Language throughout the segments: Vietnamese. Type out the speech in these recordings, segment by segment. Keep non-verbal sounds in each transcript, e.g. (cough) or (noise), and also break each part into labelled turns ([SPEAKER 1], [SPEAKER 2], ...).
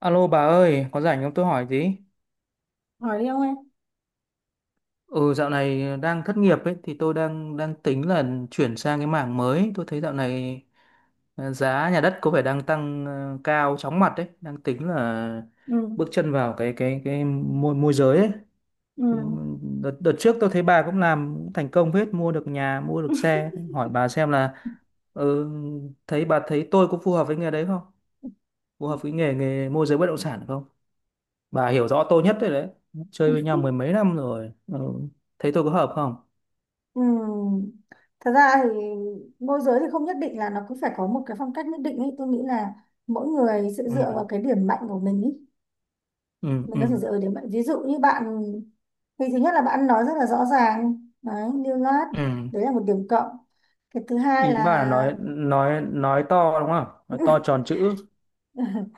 [SPEAKER 1] Alo bà ơi, có rảnh không tôi hỏi tí?
[SPEAKER 2] Hỏi đi ông em.
[SPEAKER 1] Ừ, dạo này đang thất nghiệp ấy thì tôi đang đang tính là chuyển sang cái mảng mới. Tôi thấy dạo này giá nhà đất có vẻ đang tăng cao chóng mặt đấy, đang tính là
[SPEAKER 2] Ừ,
[SPEAKER 1] bước chân vào cái môi môi giới ấy.
[SPEAKER 2] ừ,
[SPEAKER 1] Thì ừ, đợt trước tôi thấy bà cũng làm cũng thành công hết, mua được nhà, mua được xe. Hỏi bà xem là ừ, thấy bà thấy tôi có phù hợp với nghề đấy không? Phù hợp với nghề nghề môi giới bất động sản không? Bà hiểu rõ tôi nhất đấy đấy, chơi với nhau mười mấy năm rồi, ừ. Thấy tôi có hợp không?
[SPEAKER 2] ừ. Thật ra thì môi giới thì không nhất định là nó cứ phải có một cái phong cách nhất định ấy, tôi nghĩ là mỗi người sẽ
[SPEAKER 1] Ừ.
[SPEAKER 2] dựa vào cái điểm mạnh của mình ý.
[SPEAKER 1] Ừ.
[SPEAKER 2] Mình
[SPEAKER 1] Ừ.
[SPEAKER 2] có thể dựa vào điểm mạnh, ví dụ như bạn thì thứ nhất là bạn nói rất là rõ ràng đấy, lưu loát.
[SPEAKER 1] Ừ.
[SPEAKER 2] Đấy là một điểm cộng. Cái thứ hai
[SPEAKER 1] Ý
[SPEAKER 2] là
[SPEAKER 1] bà là nói to đúng không, nói to tròn chữ?
[SPEAKER 2] (laughs) (laughs)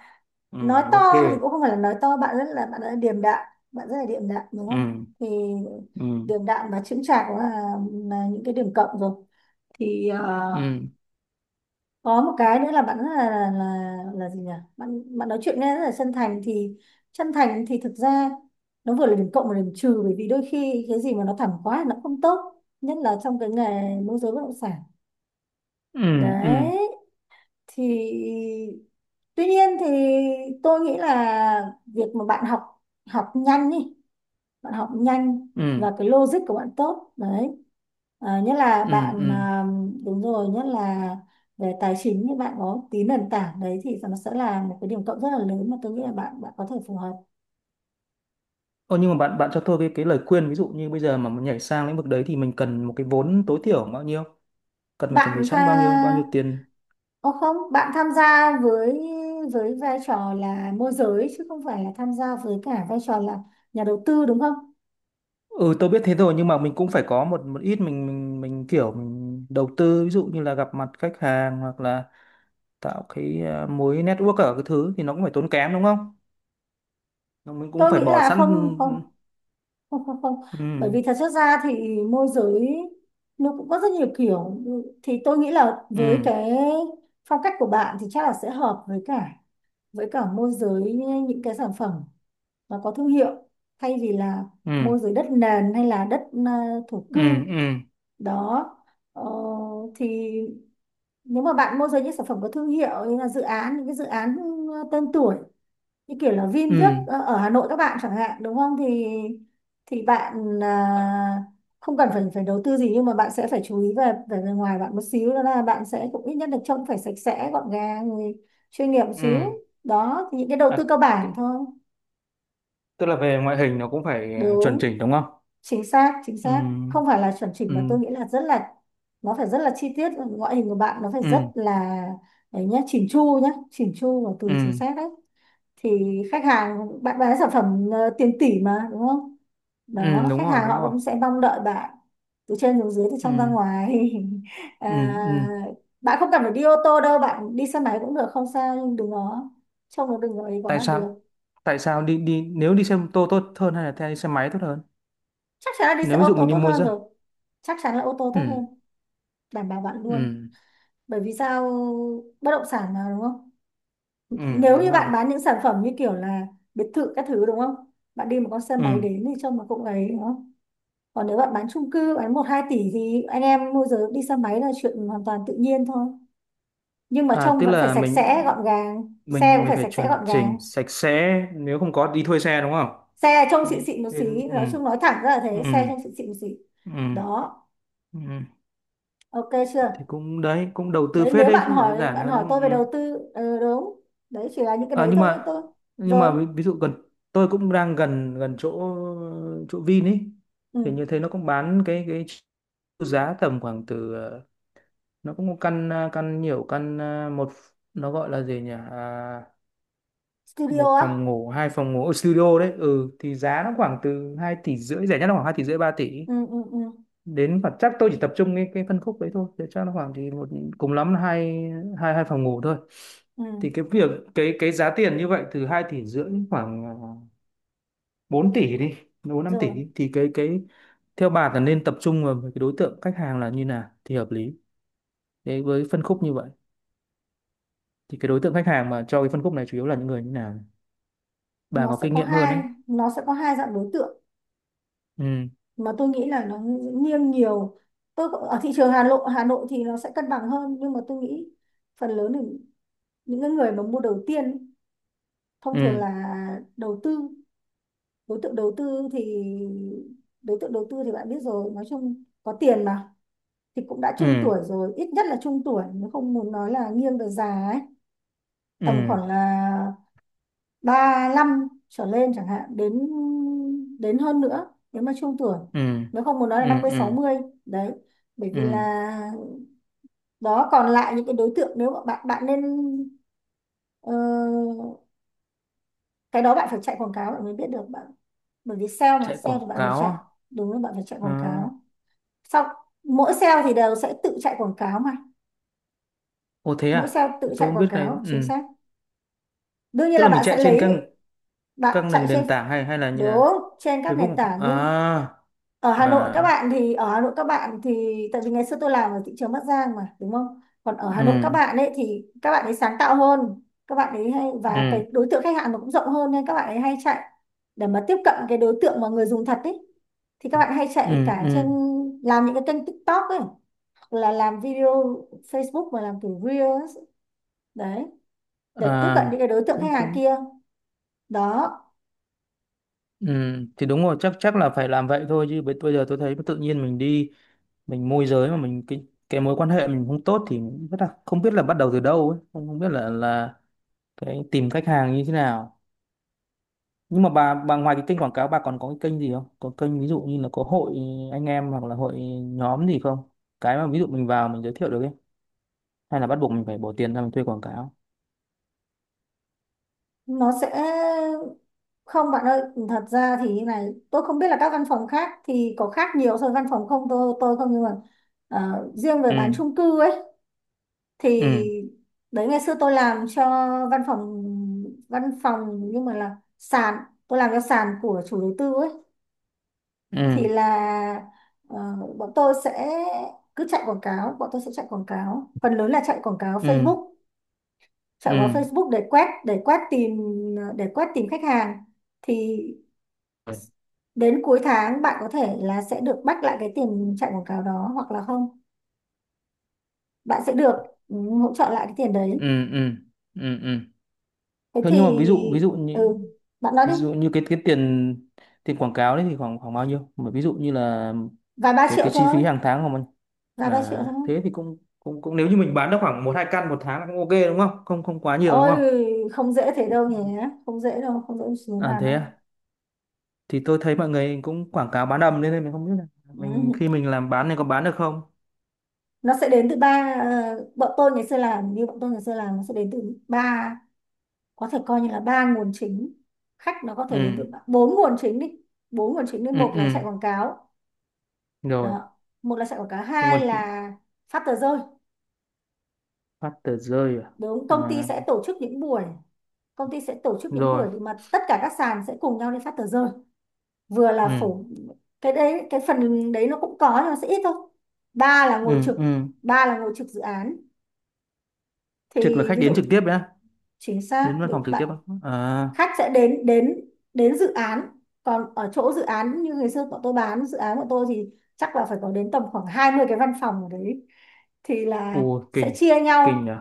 [SPEAKER 1] Ừ.
[SPEAKER 2] nói to.
[SPEAKER 1] Ok.
[SPEAKER 2] Thì cũng không phải là nói to, bạn rất là điềm đạm, đúng không?
[SPEAKER 1] Ừ.
[SPEAKER 2] Thì
[SPEAKER 1] Ừ.
[SPEAKER 2] điềm đạm và chững chạc cũng là những cái điểm cộng rồi. thì ờ,
[SPEAKER 1] Ừ.
[SPEAKER 2] có một cái nữa là bạn rất là gì nhỉ? Bạn bạn nói chuyện nghe rất là chân thành thì thực ra nó vừa là điểm cộng và điểm trừ, bởi vì đôi khi cái gì mà nó thẳng quá thì nó không tốt, nhất là trong cái nghề môi giới bất động sản.
[SPEAKER 1] Ừ. Ừ.
[SPEAKER 2] Đấy. Thì tuy nhiên thì tôi nghĩ là việc mà bạn học học nhanh đi, bạn học nhanh,
[SPEAKER 1] Ừ.
[SPEAKER 2] và cái logic của bạn tốt đấy. À, nhất là
[SPEAKER 1] Ừ.
[SPEAKER 2] bạn,
[SPEAKER 1] Ừ.
[SPEAKER 2] à, đúng rồi, nhất là về tài chính thì bạn có tí nền tảng đấy thì nó sẽ là một cái điểm cộng rất là lớn, mà tôi nghĩ là bạn bạn có thể phù hợp.
[SPEAKER 1] Ô, nhưng mà bạn bạn cho tôi cái lời khuyên, ví dụ như bây giờ mà muốn nhảy sang lĩnh vực đấy thì mình cần một cái vốn tối thiểu bao nhiêu, cần phải chuẩn bị
[SPEAKER 2] Bạn tha
[SPEAKER 1] sẵn bao nhiêu tiền?
[SPEAKER 2] Ô không, bạn tham gia với vai trò là môi giới chứ không phải là tham gia với cả vai trò là nhà đầu tư, đúng không?
[SPEAKER 1] Ừ, tôi biết thế rồi, nhưng mà mình cũng phải có một một ít, mình kiểu mình đầu tư, ví dụ như là gặp mặt khách hàng hoặc là tạo cái mối network ở cái thứ, thì nó cũng phải tốn kém đúng không? Nó- Mình cũng
[SPEAKER 2] Tôi
[SPEAKER 1] phải
[SPEAKER 2] nghĩ
[SPEAKER 1] bỏ
[SPEAKER 2] là không,
[SPEAKER 1] sẵn.
[SPEAKER 2] không, không, không, không,
[SPEAKER 1] Ừ.
[SPEAKER 2] bởi vì thật chất ra thì môi giới nó cũng có rất nhiều kiểu. Thì tôi nghĩ là
[SPEAKER 1] Ừ.
[SPEAKER 2] với cái phong cách của bạn thì chắc là sẽ hợp với cả môi giới những cái sản phẩm nó có thương hiệu, thay vì là
[SPEAKER 1] Ừ.
[SPEAKER 2] môi giới đất nền hay là đất, à, thổ
[SPEAKER 1] Ừ.
[SPEAKER 2] cư.
[SPEAKER 1] Ừ. Ừ.
[SPEAKER 2] Đó. ờ, thì nếu mà bạn môi giới những sản phẩm có thương hiệu như là dự án, những cái dự án, tên tuổi, như kiểu là Vin viết,
[SPEAKER 1] ừ.
[SPEAKER 2] ở Hà Nội các bạn chẳng hạn, đúng không, thì bạn,
[SPEAKER 1] à,
[SPEAKER 2] à, không cần phải phải đầu tư gì, nhưng mà bạn sẽ phải chú ý về về bề ngoài bạn một xíu, đó là bạn sẽ cũng ít nhất được trông phải sạch sẽ gọn gàng rồi, chuyên nghiệp một xíu.
[SPEAKER 1] ừ.
[SPEAKER 2] Đó, thì những cái đầu
[SPEAKER 1] à,
[SPEAKER 2] tư cơ bản
[SPEAKER 1] t-
[SPEAKER 2] thôi.
[SPEAKER 1] Tức là về ngoại hình nó cũng phải chuẩn
[SPEAKER 2] Đúng,
[SPEAKER 1] chỉnh đúng không?
[SPEAKER 2] chính xác, chính
[SPEAKER 1] Ừ.
[SPEAKER 2] xác. Không phải là chuẩn chỉnh
[SPEAKER 1] Ừ.
[SPEAKER 2] mà tôi nghĩ là rất là, nó phải rất là chi tiết, ngoại hình của bạn nó phải rất
[SPEAKER 1] Ừ.
[SPEAKER 2] là, đấy, nhá, chỉn chu nhá, chỉn chu và từ
[SPEAKER 1] Ừ.
[SPEAKER 2] chính xác đấy. Thì khách hàng, bạn bán sản phẩm, tiền tỷ mà, đúng không?
[SPEAKER 1] Ừ
[SPEAKER 2] Đó,
[SPEAKER 1] đúng
[SPEAKER 2] khách
[SPEAKER 1] rồi
[SPEAKER 2] hàng
[SPEAKER 1] đúng
[SPEAKER 2] họ
[SPEAKER 1] rồi.
[SPEAKER 2] cũng sẽ mong đợi bạn từ trên xuống dưới, từ
[SPEAKER 1] Ừ.
[SPEAKER 2] trong ra ngoài. (laughs)
[SPEAKER 1] Ừ.
[SPEAKER 2] À,
[SPEAKER 1] Ừ. Ừ.
[SPEAKER 2] bạn không cần phải đi ô tô đâu, bạn đi xe máy cũng được, không sao, nhưng đừng có trông nó, đừng có ấy quá
[SPEAKER 1] Tại
[SPEAKER 2] là
[SPEAKER 1] sao,
[SPEAKER 2] được.
[SPEAKER 1] đi đi nếu đi xe mô tô tốt hơn hay là theo đi xe máy tốt hơn?
[SPEAKER 2] Chắc chắn là đi xe
[SPEAKER 1] Nếu ví
[SPEAKER 2] ô
[SPEAKER 1] dụ
[SPEAKER 2] tô
[SPEAKER 1] mình đi
[SPEAKER 2] tốt
[SPEAKER 1] mua
[SPEAKER 2] hơn
[SPEAKER 1] dân.
[SPEAKER 2] rồi, chắc chắn là ô tô tốt
[SPEAKER 1] Ừ.
[SPEAKER 2] hơn, đảm bảo bạn luôn.
[SPEAKER 1] Ừ.
[SPEAKER 2] Bởi vì sao? Bất động sản mà, đúng không?
[SPEAKER 1] Ừ
[SPEAKER 2] Nếu
[SPEAKER 1] đúng
[SPEAKER 2] như
[SPEAKER 1] rồi.
[SPEAKER 2] bạn bán những sản phẩm như kiểu là biệt thự các thứ, đúng không, bạn đi một con xe máy
[SPEAKER 1] Ừ.
[SPEAKER 2] đến thì trông nó cũng ấy, đúng không? Còn nếu bạn bán chung cư, bán một hai tỷ, thì anh em môi giới đi xe máy là chuyện hoàn toàn tự nhiên thôi, nhưng mà
[SPEAKER 1] À,
[SPEAKER 2] trông
[SPEAKER 1] tức
[SPEAKER 2] vẫn phải
[SPEAKER 1] là
[SPEAKER 2] sạch
[SPEAKER 1] mình
[SPEAKER 2] sẽ gọn gàng, xe
[SPEAKER 1] mình
[SPEAKER 2] cũng
[SPEAKER 1] mình
[SPEAKER 2] phải
[SPEAKER 1] phải
[SPEAKER 2] sạch sẽ
[SPEAKER 1] chuẩn
[SPEAKER 2] gọn gàng.
[SPEAKER 1] chỉnh sạch sẽ, nếu không có đi thuê xe đúng không?
[SPEAKER 2] Xe trông xịn xịn một xí,
[SPEAKER 1] Ừ.
[SPEAKER 2] nói chung nói thẳng ra là thế, xe
[SPEAKER 1] Ừ.
[SPEAKER 2] trông xịn xịn một xí.
[SPEAKER 1] Ừ.
[SPEAKER 2] Đó.
[SPEAKER 1] Ừ.
[SPEAKER 2] Ok, chưa?
[SPEAKER 1] Thì cũng đấy, cũng đầu tư
[SPEAKER 2] Đấy,
[SPEAKER 1] phết
[SPEAKER 2] nếu
[SPEAKER 1] đấy chứ
[SPEAKER 2] bạn
[SPEAKER 1] không phải đơn
[SPEAKER 2] hỏi,
[SPEAKER 1] giản
[SPEAKER 2] bạn
[SPEAKER 1] đâu, đúng
[SPEAKER 2] hỏi tôi về
[SPEAKER 1] không? Ừ.
[SPEAKER 2] đầu tư, ừ, đúng, đấy chỉ là những cái
[SPEAKER 1] À,
[SPEAKER 2] đấy thôi cho tôi.
[SPEAKER 1] nhưng mà
[SPEAKER 2] Rồi.
[SPEAKER 1] ví dụ gần, tôi cũng đang gần gần chỗ chỗ Vin ấy. Thì
[SPEAKER 2] Ừ.
[SPEAKER 1] như thế nó cũng bán cái giá tầm khoảng từ nó cũng có căn căn, nhiều căn một, nó gọi là gì nhỉ,
[SPEAKER 2] Studio
[SPEAKER 1] một
[SPEAKER 2] á.
[SPEAKER 1] phòng ngủ hai phòng ngủ ở studio đấy. Ừ thì giá nó khoảng từ 2,5 tỷ, rẻ nhất là khoảng 2,5 tỷ 3 tỷ
[SPEAKER 2] Ừ, ừ, ừ.
[SPEAKER 1] đến, và chắc tôi chỉ tập trung cái phân khúc đấy thôi, thì chắc nó khoảng thì một, cùng lắm là hai hai 2 phòng ngủ thôi.
[SPEAKER 2] Ừ.
[SPEAKER 1] Thì cái việc, cái giá tiền như vậy từ 2,5 tỷ khoảng 4 tỷ đi, 4-5 tỷ
[SPEAKER 2] Rồi.
[SPEAKER 1] đi. Thì cái theo bà là nên tập trung vào cái đối tượng khách hàng là như nào thì hợp lý đấy, với phân khúc như vậy thì cái đối tượng khách hàng mà cho cái phân khúc này chủ yếu là những người như nào? Bà
[SPEAKER 2] nó
[SPEAKER 1] có
[SPEAKER 2] sẽ
[SPEAKER 1] kinh
[SPEAKER 2] có
[SPEAKER 1] nghiệm hơn đấy.
[SPEAKER 2] hai nó sẽ có hai dạng đối tượng
[SPEAKER 1] Ừ.
[SPEAKER 2] mà tôi nghĩ là nó nghiêng nhiều. Ở thị trường Hà Nội thì nó sẽ cân bằng hơn, nhưng mà tôi nghĩ phần lớn là những cái người mà mua đầu tiên ấy, thông thường
[SPEAKER 1] Ừ.
[SPEAKER 2] là đầu tư. Đối tượng đầu tư thì đối tượng đầu tư thì bạn biết rồi, nói chung có tiền mà, thì cũng đã trung
[SPEAKER 1] Ừ.
[SPEAKER 2] tuổi rồi, ít nhất là trung tuổi, nếu không muốn nói là nghiêng về già ấy, tầm
[SPEAKER 1] Ừ.
[SPEAKER 2] khoảng là 35 trở lên chẳng hạn, đến đến hơn nữa nếu mà trung tuổi,
[SPEAKER 1] Ừ.
[SPEAKER 2] nếu không muốn nói là
[SPEAKER 1] Ừ.
[SPEAKER 2] năm mươi sáu
[SPEAKER 1] Ừ.
[SPEAKER 2] mươi. Đấy. Bởi
[SPEAKER 1] Ừ.
[SPEAKER 2] vì là, đó, còn lại những cái đối tượng, nếu mà bạn bạn nên, ờ, cái đó bạn phải chạy quảng cáo bạn mới biết được bạn. Bởi vì sale mà,
[SPEAKER 1] Chạy
[SPEAKER 2] sale
[SPEAKER 1] quảng
[SPEAKER 2] thì bạn phải
[SPEAKER 1] cáo
[SPEAKER 2] chạy.
[SPEAKER 1] à?
[SPEAKER 2] Đúng là bạn phải chạy quảng
[SPEAKER 1] À.
[SPEAKER 2] cáo. Sau mỗi sale thì đều sẽ tự chạy quảng cáo mà,
[SPEAKER 1] Ô thế
[SPEAKER 2] mỗi
[SPEAKER 1] à?
[SPEAKER 2] sale tự
[SPEAKER 1] Tôi
[SPEAKER 2] chạy
[SPEAKER 1] không
[SPEAKER 2] quảng
[SPEAKER 1] biết cái này,
[SPEAKER 2] cáo, chính
[SPEAKER 1] ừ.
[SPEAKER 2] xác. Đương nhiên
[SPEAKER 1] Tức
[SPEAKER 2] là
[SPEAKER 1] là mình
[SPEAKER 2] bạn sẽ
[SPEAKER 1] chạy trên
[SPEAKER 2] lấy,
[SPEAKER 1] các
[SPEAKER 2] bạn
[SPEAKER 1] nền
[SPEAKER 2] chạy trên,
[SPEAKER 1] nền tảng hay hay là như
[SPEAKER 2] đúng,
[SPEAKER 1] là
[SPEAKER 2] trên các nền
[SPEAKER 1] Facebook
[SPEAKER 2] tảng. Nhưng
[SPEAKER 1] à?
[SPEAKER 2] ở
[SPEAKER 1] À.
[SPEAKER 2] Hà Nội các bạn thì ở Hà Nội các bạn thì tại vì ngày xưa tôi làm ở thị trường Bắc Giang mà, đúng không, còn ở Hà
[SPEAKER 1] Ừ.
[SPEAKER 2] Nội các bạn ấy thì các bạn ấy sáng tạo hơn, các bạn ấy hay, và
[SPEAKER 1] Ừ.
[SPEAKER 2] cái đối tượng khách hàng nó cũng rộng hơn nên các bạn ấy hay chạy để mà tiếp cận cái đối tượng mà người dùng thật ấy. Thì các bạn hay chạy
[SPEAKER 1] Ừ.
[SPEAKER 2] cả trên,
[SPEAKER 1] Ừ.
[SPEAKER 2] làm những cái kênh TikTok ấy, hoặc là làm video Facebook mà làm kiểu Reels ấy. Đấy, để tiếp cận
[SPEAKER 1] À,
[SPEAKER 2] những cái đối tượng
[SPEAKER 1] cũng
[SPEAKER 2] khách hàng
[SPEAKER 1] cũng.
[SPEAKER 2] kia. Đó,
[SPEAKER 1] Ừ, thì đúng rồi, chắc chắc là phải làm vậy thôi, chứ bây bây giờ tôi thấy tự nhiên mình đi, mình môi giới mà mình cái mối quan hệ mình không tốt thì rất là không biết là bắt đầu từ đâu ấy, không không biết là cái tìm khách hàng như thế nào. Nhưng mà bà ngoài cái kênh quảng cáo, bà còn có cái kênh gì không, có kênh ví dụ như là có hội anh em hoặc là hội nhóm gì không, cái mà ví dụ mình vào mình giới thiệu được ấy, hay là bắt buộc mình phải bỏ tiền ra mình thuê quảng cáo?
[SPEAKER 2] nó sẽ. Không bạn ơi, thật ra thì như này, tôi không biết là các văn phòng khác thì có khác nhiều so với văn phòng không, tôi tôi không, nhưng mà, riêng về
[SPEAKER 1] Ừ.
[SPEAKER 2] bán chung cư ấy,
[SPEAKER 1] Ừ.
[SPEAKER 2] thì đấy, ngày xưa tôi làm cho văn phòng, văn phòng nhưng mà là sàn, tôi làm cho sàn của chủ đầu tư ấy.
[SPEAKER 1] Ừ.
[SPEAKER 2] Thì là, ờ, bọn tôi sẽ cứ chạy quảng cáo, bọn tôi sẽ chạy quảng cáo, phần lớn là chạy quảng cáo
[SPEAKER 1] Ừ.
[SPEAKER 2] Facebook,
[SPEAKER 1] Ừ.
[SPEAKER 2] chạy quảng cáo
[SPEAKER 1] Ừ.
[SPEAKER 2] Facebook để quét tìm khách hàng. Thì đến cuối tháng bạn có thể là sẽ được back lại cái tiền chạy quảng cáo đó, hoặc là không, bạn sẽ được, ừ, hỗ trợ lại cái tiền đấy.
[SPEAKER 1] Ừ. Ừ. Ừ.
[SPEAKER 2] Thế
[SPEAKER 1] Thế
[SPEAKER 2] thì,
[SPEAKER 1] nhưng mà ví dụ
[SPEAKER 2] ừ,
[SPEAKER 1] như,
[SPEAKER 2] bạn nói đi.
[SPEAKER 1] ví dụ như cái tiền tiền quảng cáo đấy thì khoảng khoảng bao nhiêu? Mà ví dụ như là
[SPEAKER 2] Vài ba triệu
[SPEAKER 1] cái chi
[SPEAKER 2] thôi,
[SPEAKER 1] phí hàng tháng của mình.
[SPEAKER 2] vài ba triệu thôi.
[SPEAKER 1] À, thế thì cũng cũng cũng, nếu như mình bán được khoảng 1-2 căn một tháng là cũng ok đúng không? Không quá nhiều đúng
[SPEAKER 2] Ôi,
[SPEAKER 1] không?
[SPEAKER 2] không dễ thế đâu nhỉ, không dễ đâu, không dễ xuống
[SPEAKER 1] À
[SPEAKER 2] bàn
[SPEAKER 1] thế
[SPEAKER 2] đâu.
[SPEAKER 1] à? Thì tôi thấy mọi người cũng quảng cáo bán đầm nên là mình không biết là
[SPEAKER 2] (laughs)
[SPEAKER 1] mình
[SPEAKER 2] Ừ.
[SPEAKER 1] khi mình làm bán này có bán được không?
[SPEAKER 2] Nó sẽ đến từ ba, bọn tôi ngày xưa làm, như bọn tôi ngày xưa làm, nó sẽ đến từ ba, có thể coi như là ba nguồn chính, khách nó có thể đến từ
[SPEAKER 1] Ừ.
[SPEAKER 2] ba- bốn nguồn chính đi bốn nguồn chính đi.
[SPEAKER 1] Ừ.
[SPEAKER 2] Một là
[SPEAKER 1] Ừ.
[SPEAKER 2] chạy quảng cáo.
[SPEAKER 1] Rồi.
[SPEAKER 2] Đó. Một là chạy quảng cáo,
[SPEAKER 1] Nhưng mà
[SPEAKER 2] hai là phát tờ rơi.
[SPEAKER 1] phát tờ rơi à?
[SPEAKER 2] Đúng, công ty
[SPEAKER 1] À.
[SPEAKER 2] sẽ tổ chức những buổi, công ty sẽ tổ chức những
[SPEAKER 1] Rồi.
[SPEAKER 2] buổi mà tất cả các sàn sẽ cùng nhau đi phát tờ rơi. Vừa là
[SPEAKER 1] Ừ.
[SPEAKER 2] phổ, cái đấy cái phần đấy nó cũng có nhưng mà sẽ ít thôi. Ba là ngồi
[SPEAKER 1] Ừ.
[SPEAKER 2] trực,
[SPEAKER 1] Ừ.
[SPEAKER 2] ba là ngồi trực dự án.
[SPEAKER 1] Trực là
[SPEAKER 2] Thì
[SPEAKER 1] khách
[SPEAKER 2] ví dụ,
[SPEAKER 1] đến trực tiếp đấy á?
[SPEAKER 2] chính xác,
[SPEAKER 1] Đến văn phòng trực tiếp
[SPEAKER 2] bạn,
[SPEAKER 1] á? À.
[SPEAKER 2] khách sẽ đến đến đến dự án. Còn ở chỗ dự án, như ngày xưa bọn tôi bán dự án của tôi, thì chắc là phải có đến tầm khoảng 20 cái văn phòng ở đấy. Thì là
[SPEAKER 1] Ồ,
[SPEAKER 2] sẽ
[SPEAKER 1] kinh,
[SPEAKER 2] chia
[SPEAKER 1] kinh
[SPEAKER 2] nhau.
[SPEAKER 1] nhỉ.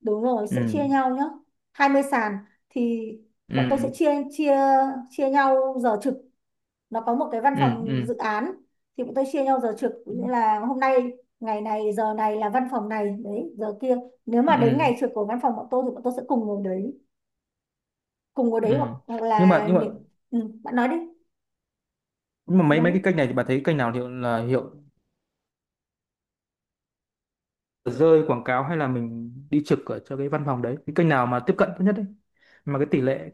[SPEAKER 2] Đúng rồi, sẽ
[SPEAKER 1] Ừ.
[SPEAKER 2] chia nhau nhá. Hai mươi sàn, thì bọn tôi sẽ
[SPEAKER 1] Ừ.
[SPEAKER 2] chia chia chia nhau giờ trực. Nó có một cái văn
[SPEAKER 1] Ừ.
[SPEAKER 2] phòng
[SPEAKER 1] Ừ.
[SPEAKER 2] dự án, thì bọn tôi chia nhau giờ trực, nghĩa là hôm nay, ngày này giờ này là văn phòng này đấy, giờ kia. Nếu mà đến
[SPEAKER 1] Ừ.
[SPEAKER 2] ngày trực của văn phòng bọn tôi thì bọn tôi sẽ cùng ngồi đấy, cùng ngồi
[SPEAKER 1] Ừ.
[SPEAKER 2] đấy, hoặc, hoặc
[SPEAKER 1] Nhưng mà
[SPEAKER 2] là nếu, ừ, bạn nói đi, bạn
[SPEAKER 1] mấy mấy
[SPEAKER 2] nói
[SPEAKER 1] cái
[SPEAKER 2] đi.
[SPEAKER 1] kênh này thì bạn thấy kênh nào hiệu là hiệu, rơi quảng cáo hay là mình đi trực ở cho cái văn phòng đấy, cái kênh nào mà tiếp cận tốt nhất đấy, mà cái tỷ lệ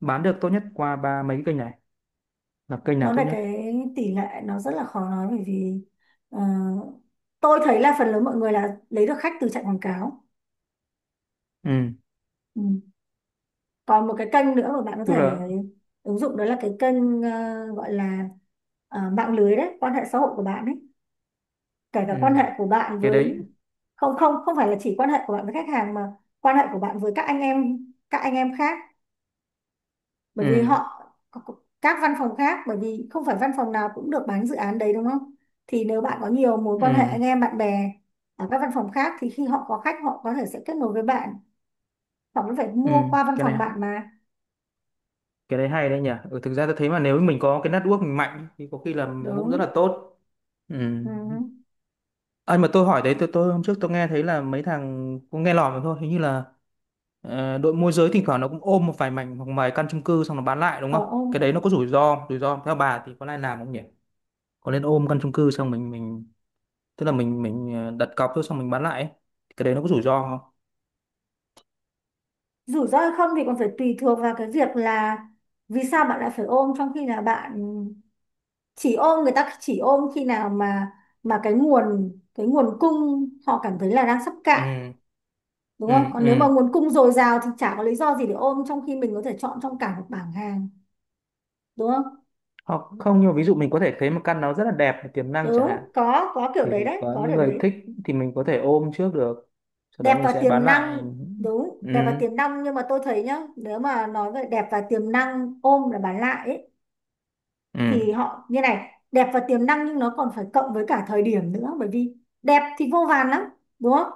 [SPEAKER 1] bán được tốt nhất qua ba mấy cái kênh này là kênh nào
[SPEAKER 2] Nói
[SPEAKER 1] tốt
[SPEAKER 2] về
[SPEAKER 1] nhất?
[SPEAKER 2] cái tỷ lệ nó rất là khó nói, bởi vì, ờ, tôi thấy là phần lớn mọi người là lấy được khách từ chạy quảng cáo.
[SPEAKER 1] Ừ.
[SPEAKER 2] Ừ. Còn một cái kênh nữa mà bạn có
[SPEAKER 1] Tức
[SPEAKER 2] thể
[SPEAKER 1] là.
[SPEAKER 2] ứng dụng, đó là cái kênh, gọi là, mạng lưới đấy, quan hệ xã hội của bạn ấy, kể
[SPEAKER 1] Ừ.
[SPEAKER 2] cả quan hệ của bạn
[SPEAKER 1] Cái
[SPEAKER 2] với,
[SPEAKER 1] đấy.
[SPEAKER 2] không, không, không phải là chỉ quan hệ của bạn với khách hàng, mà quan hệ của bạn với các anh em, các anh em khác. Bởi vì
[SPEAKER 1] Ừ.
[SPEAKER 2] họ, các văn phòng khác, bởi vì không phải văn phòng nào cũng được bán dự án đấy, đúng không. Thì nếu bạn có nhiều mối quan hệ
[SPEAKER 1] Ừ.
[SPEAKER 2] anh em bạn bè ở các văn phòng khác, thì khi họ có khách họ có thể sẽ kết nối với bạn, họ vẫn phải
[SPEAKER 1] Ừ.
[SPEAKER 2] mua qua văn
[SPEAKER 1] Cái
[SPEAKER 2] phòng
[SPEAKER 1] này,
[SPEAKER 2] bạn mà.
[SPEAKER 1] cái đấy hay đấy nhỉ. Ừ, thực ra tôi thấy mà nếu mình có cái network mình mạnh thì có khi là cũng rất
[SPEAKER 2] Đúng.
[SPEAKER 1] là tốt. Ừ.
[SPEAKER 2] Ừ.
[SPEAKER 1] Anh mà tôi hỏi đấy, tôi hôm trước tôi nghe thấy là mấy thằng, cũng nghe lỏm thôi, hình như là đội môi giới thỉnh thoảng nó cũng ôm một vài mảnh hoặc vài căn chung cư xong nó bán lại đúng
[SPEAKER 2] Ờ,
[SPEAKER 1] không? Cái
[SPEAKER 2] ô,
[SPEAKER 1] đấy nó có rủi ro, rủi ro theo bà thì có nên làm không nhỉ, có nên ôm căn chung cư xong mình, tức là mình đặt cọc thôi xong mình bán lại ấy. Cái đấy nó có rủi ro không?
[SPEAKER 2] rủi ro hay không thì còn phải tùy thuộc vào cái việc là vì sao bạn lại phải ôm, trong khi là bạn chỉ ôm, người ta chỉ ôm khi nào mà cái nguồn cung họ cảm thấy là đang sắp cạn,
[SPEAKER 1] Ừ.
[SPEAKER 2] đúng
[SPEAKER 1] Ừ.
[SPEAKER 2] không. Còn
[SPEAKER 1] Ừ.
[SPEAKER 2] nếu mà nguồn cung dồi dào thì chả có lý do gì để ôm, trong khi mình có thể chọn trong cả một bảng hàng, đúng không.
[SPEAKER 1] Hoặc không, nhưng mà ví dụ mình có thể thấy một căn nó rất là đẹp tiềm năng chẳng hạn,
[SPEAKER 2] Đúng, có có kiểu
[SPEAKER 1] thì
[SPEAKER 2] đấy đấy
[SPEAKER 1] có
[SPEAKER 2] có
[SPEAKER 1] những
[SPEAKER 2] kiểu
[SPEAKER 1] người thích,
[SPEAKER 2] đấy
[SPEAKER 1] thì mình có thể ôm trước được, sau đó
[SPEAKER 2] Đẹp
[SPEAKER 1] mình
[SPEAKER 2] và
[SPEAKER 1] sẽ bán
[SPEAKER 2] tiềm
[SPEAKER 1] lại.
[SPEAKER 2] năng. Đúng,
[SPEAKER 1] Ừ.
[SPEAKER 2] đẹp và tiềm năng, nhưng mà tôi thấy nhá, nếu mà nói về đẹp và tiềm năng, ôm là bán lại ấy,
[SPEAKER 1] Ừ.
[SPEAKER 2] thì họ như này, đẹp và tiềm năng nhưng nó còn phải cộng với cả thời điểm nữa, bởi vì đẹp thì vô vàn lắm, đúng không?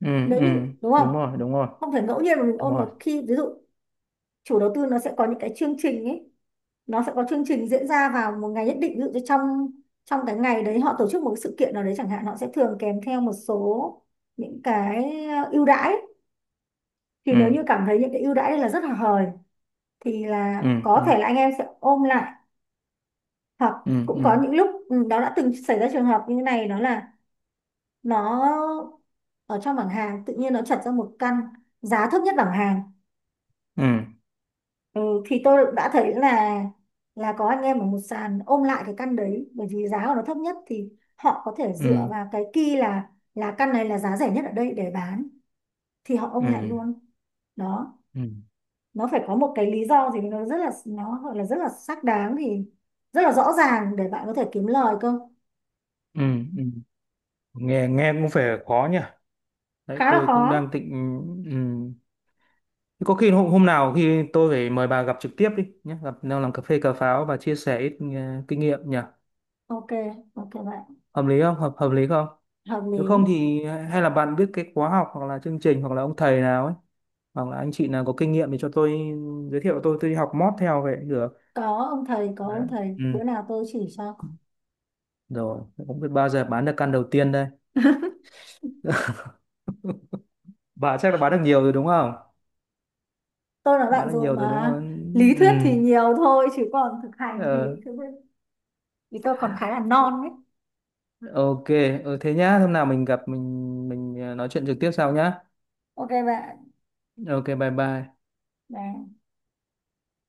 [SPEAKER 1] Ừ.
[SPEAKER 2] Nếu
[SPEAKER 1] Ừ
[SPEAKER 2] như, đúng không,
[SPEAKER 1] đúng rồi đúng rồi
[SPEAKER 2] không phải ngẫu nhiên mà mình
[SPEAKER 1] đúng
[SPEAKER 2] ôm, mà
[SPEAKER 1] rồi.
[SPEAKER 2] khi ví dụ chủ đầu tư nó sẽ có những cái chương trình ấy, nó sẽ có chương trình diễn ra vào một ngày nhất định, ví dụ như trong, trong cái ngày đấy họ tổ chức một cái sự kiện nào đấy chẳng hạn, họ sẽ thường kèm theo một số những cái, ưu đãi. Thì nếu
[SPEAKER 1] Ừ.
[SPEAKER 2] như cảm thấy những cái ưu đãi này là rất là hời thì là
[SPEAKER 1] Ừ.
[SPEAKER 2] có
[SPEAKER 1] Ừ.
[SPEAKER 2] thể là anh em sẽ ôm lại. Hoặc
[SPEAKER 1] Ừ.
[SPEAKER 2] cũng
[SPEAKER 1] Ừ.
[SPEAKER 2] có những lúc, ừ, đó, đã từng xảy ra trường hợp như thế này, đó là nó, ở trong bảng hàng tự nhiên nó chật ra một căn giá thấp nhất bảng hàng,
[SPEAKER 1] Ừ.
[SPEAKER 2] ừ, thì tôi đã thấy là có anh em ở một sàn ôm lại cái căn đấy, bởi vì giá của nó thấp nhất, thì họ có thể dựa
[SPEAKER 1] Ừ.
[SPEAKER 2] vào cái key là căn này là giá rẻ nhất ở đây để bán, thì họ ôm
[SPEAKER 1] Ừ.
[SPEAKER 2] lại luôn. Đó,
[SPEAKER 1] Ừ.
[SPEAKER 2] nó phải có một cái lý do gì nó rất là, nó gọi là rất là xác đáng, thì rất là rõ ràng, để bạn có thể kiếm lời cơ.
[SPEAKER 1] Ừ. Ừ. Nghe, nghe cũng phải khó nhỉ, đấy
[SPEAKER 2] Khá là
[SPEAKER 1] tôi cũng
[SPEAKER 2] khó.
[SPEAKER 1] đang tịnh. Ừ. Thế có khi hôm nào khi tôi phải mời bà gặp trực tiếp đi nhé, gặp nào làm cà phê cà pháo và chia sẻ ít kinh nghiệm nhỉ?
[SPEAKER 2] Ok, ok bạn.
[SPEAKER 1] Hợp lý không, hợp hợp lý không?
[SPEAKER 2] Hợp
[SPEAKER 1] Nếu không
[SPEAKER 2] lý.
[SPEAKER 1] thì hay là bạn biết cái khóa học hoặc là chương trình hoặc là ông thầy nào ấy, hoặc là anh chị nào có kinh nghiệm thì cho tôi ừ, giới thiệu, tôi đi học mót theo vậy cũng được.
[SPEAKER 2] Có ông thầy, có
[SPEAKER 1] Đấy.
[SPEAKER 2] ông thầy,
[SPEAKER 1] Ừ.
[SPEAKER 2] bữa nào tôi chỉ cho.
[SPEAKER 1] Rồi, không biết bao giờ bán được căn đầu tiên đây. Bà chắc là bán được nhiều rồi đúng không?
[SPEAKER 2] Tôi là
[SPEAKER 1] Bán
[SPEAKER 2] bạn
[SPEAKER 1] được
[SPEAKER 2] rồi
[SPEAKER 1] nhiều rồi đúng
[SPEAKER 2] mà.
[SPEAKER 1] không?
[SPEAKER 2] Lý
[SPEAKER 1] Ừ.
[SPEAKER 2] thuyết thì nhiều thôi, chứ còn thực hành thì,
[SPEAKER 1] Ờ,
[SPEAKER 2] thực, thì tôi còn khá là non đấy.
[SPEAKER 1] ok, ừ, thế nhá. Hôm nào gặp mình nói chuyện trực tiếp sau nhá.
[SPEAKER 2] Ok bạn.
[SPEAKER 1] Ok, bye bye.
[SPEAKER 2] Đấy.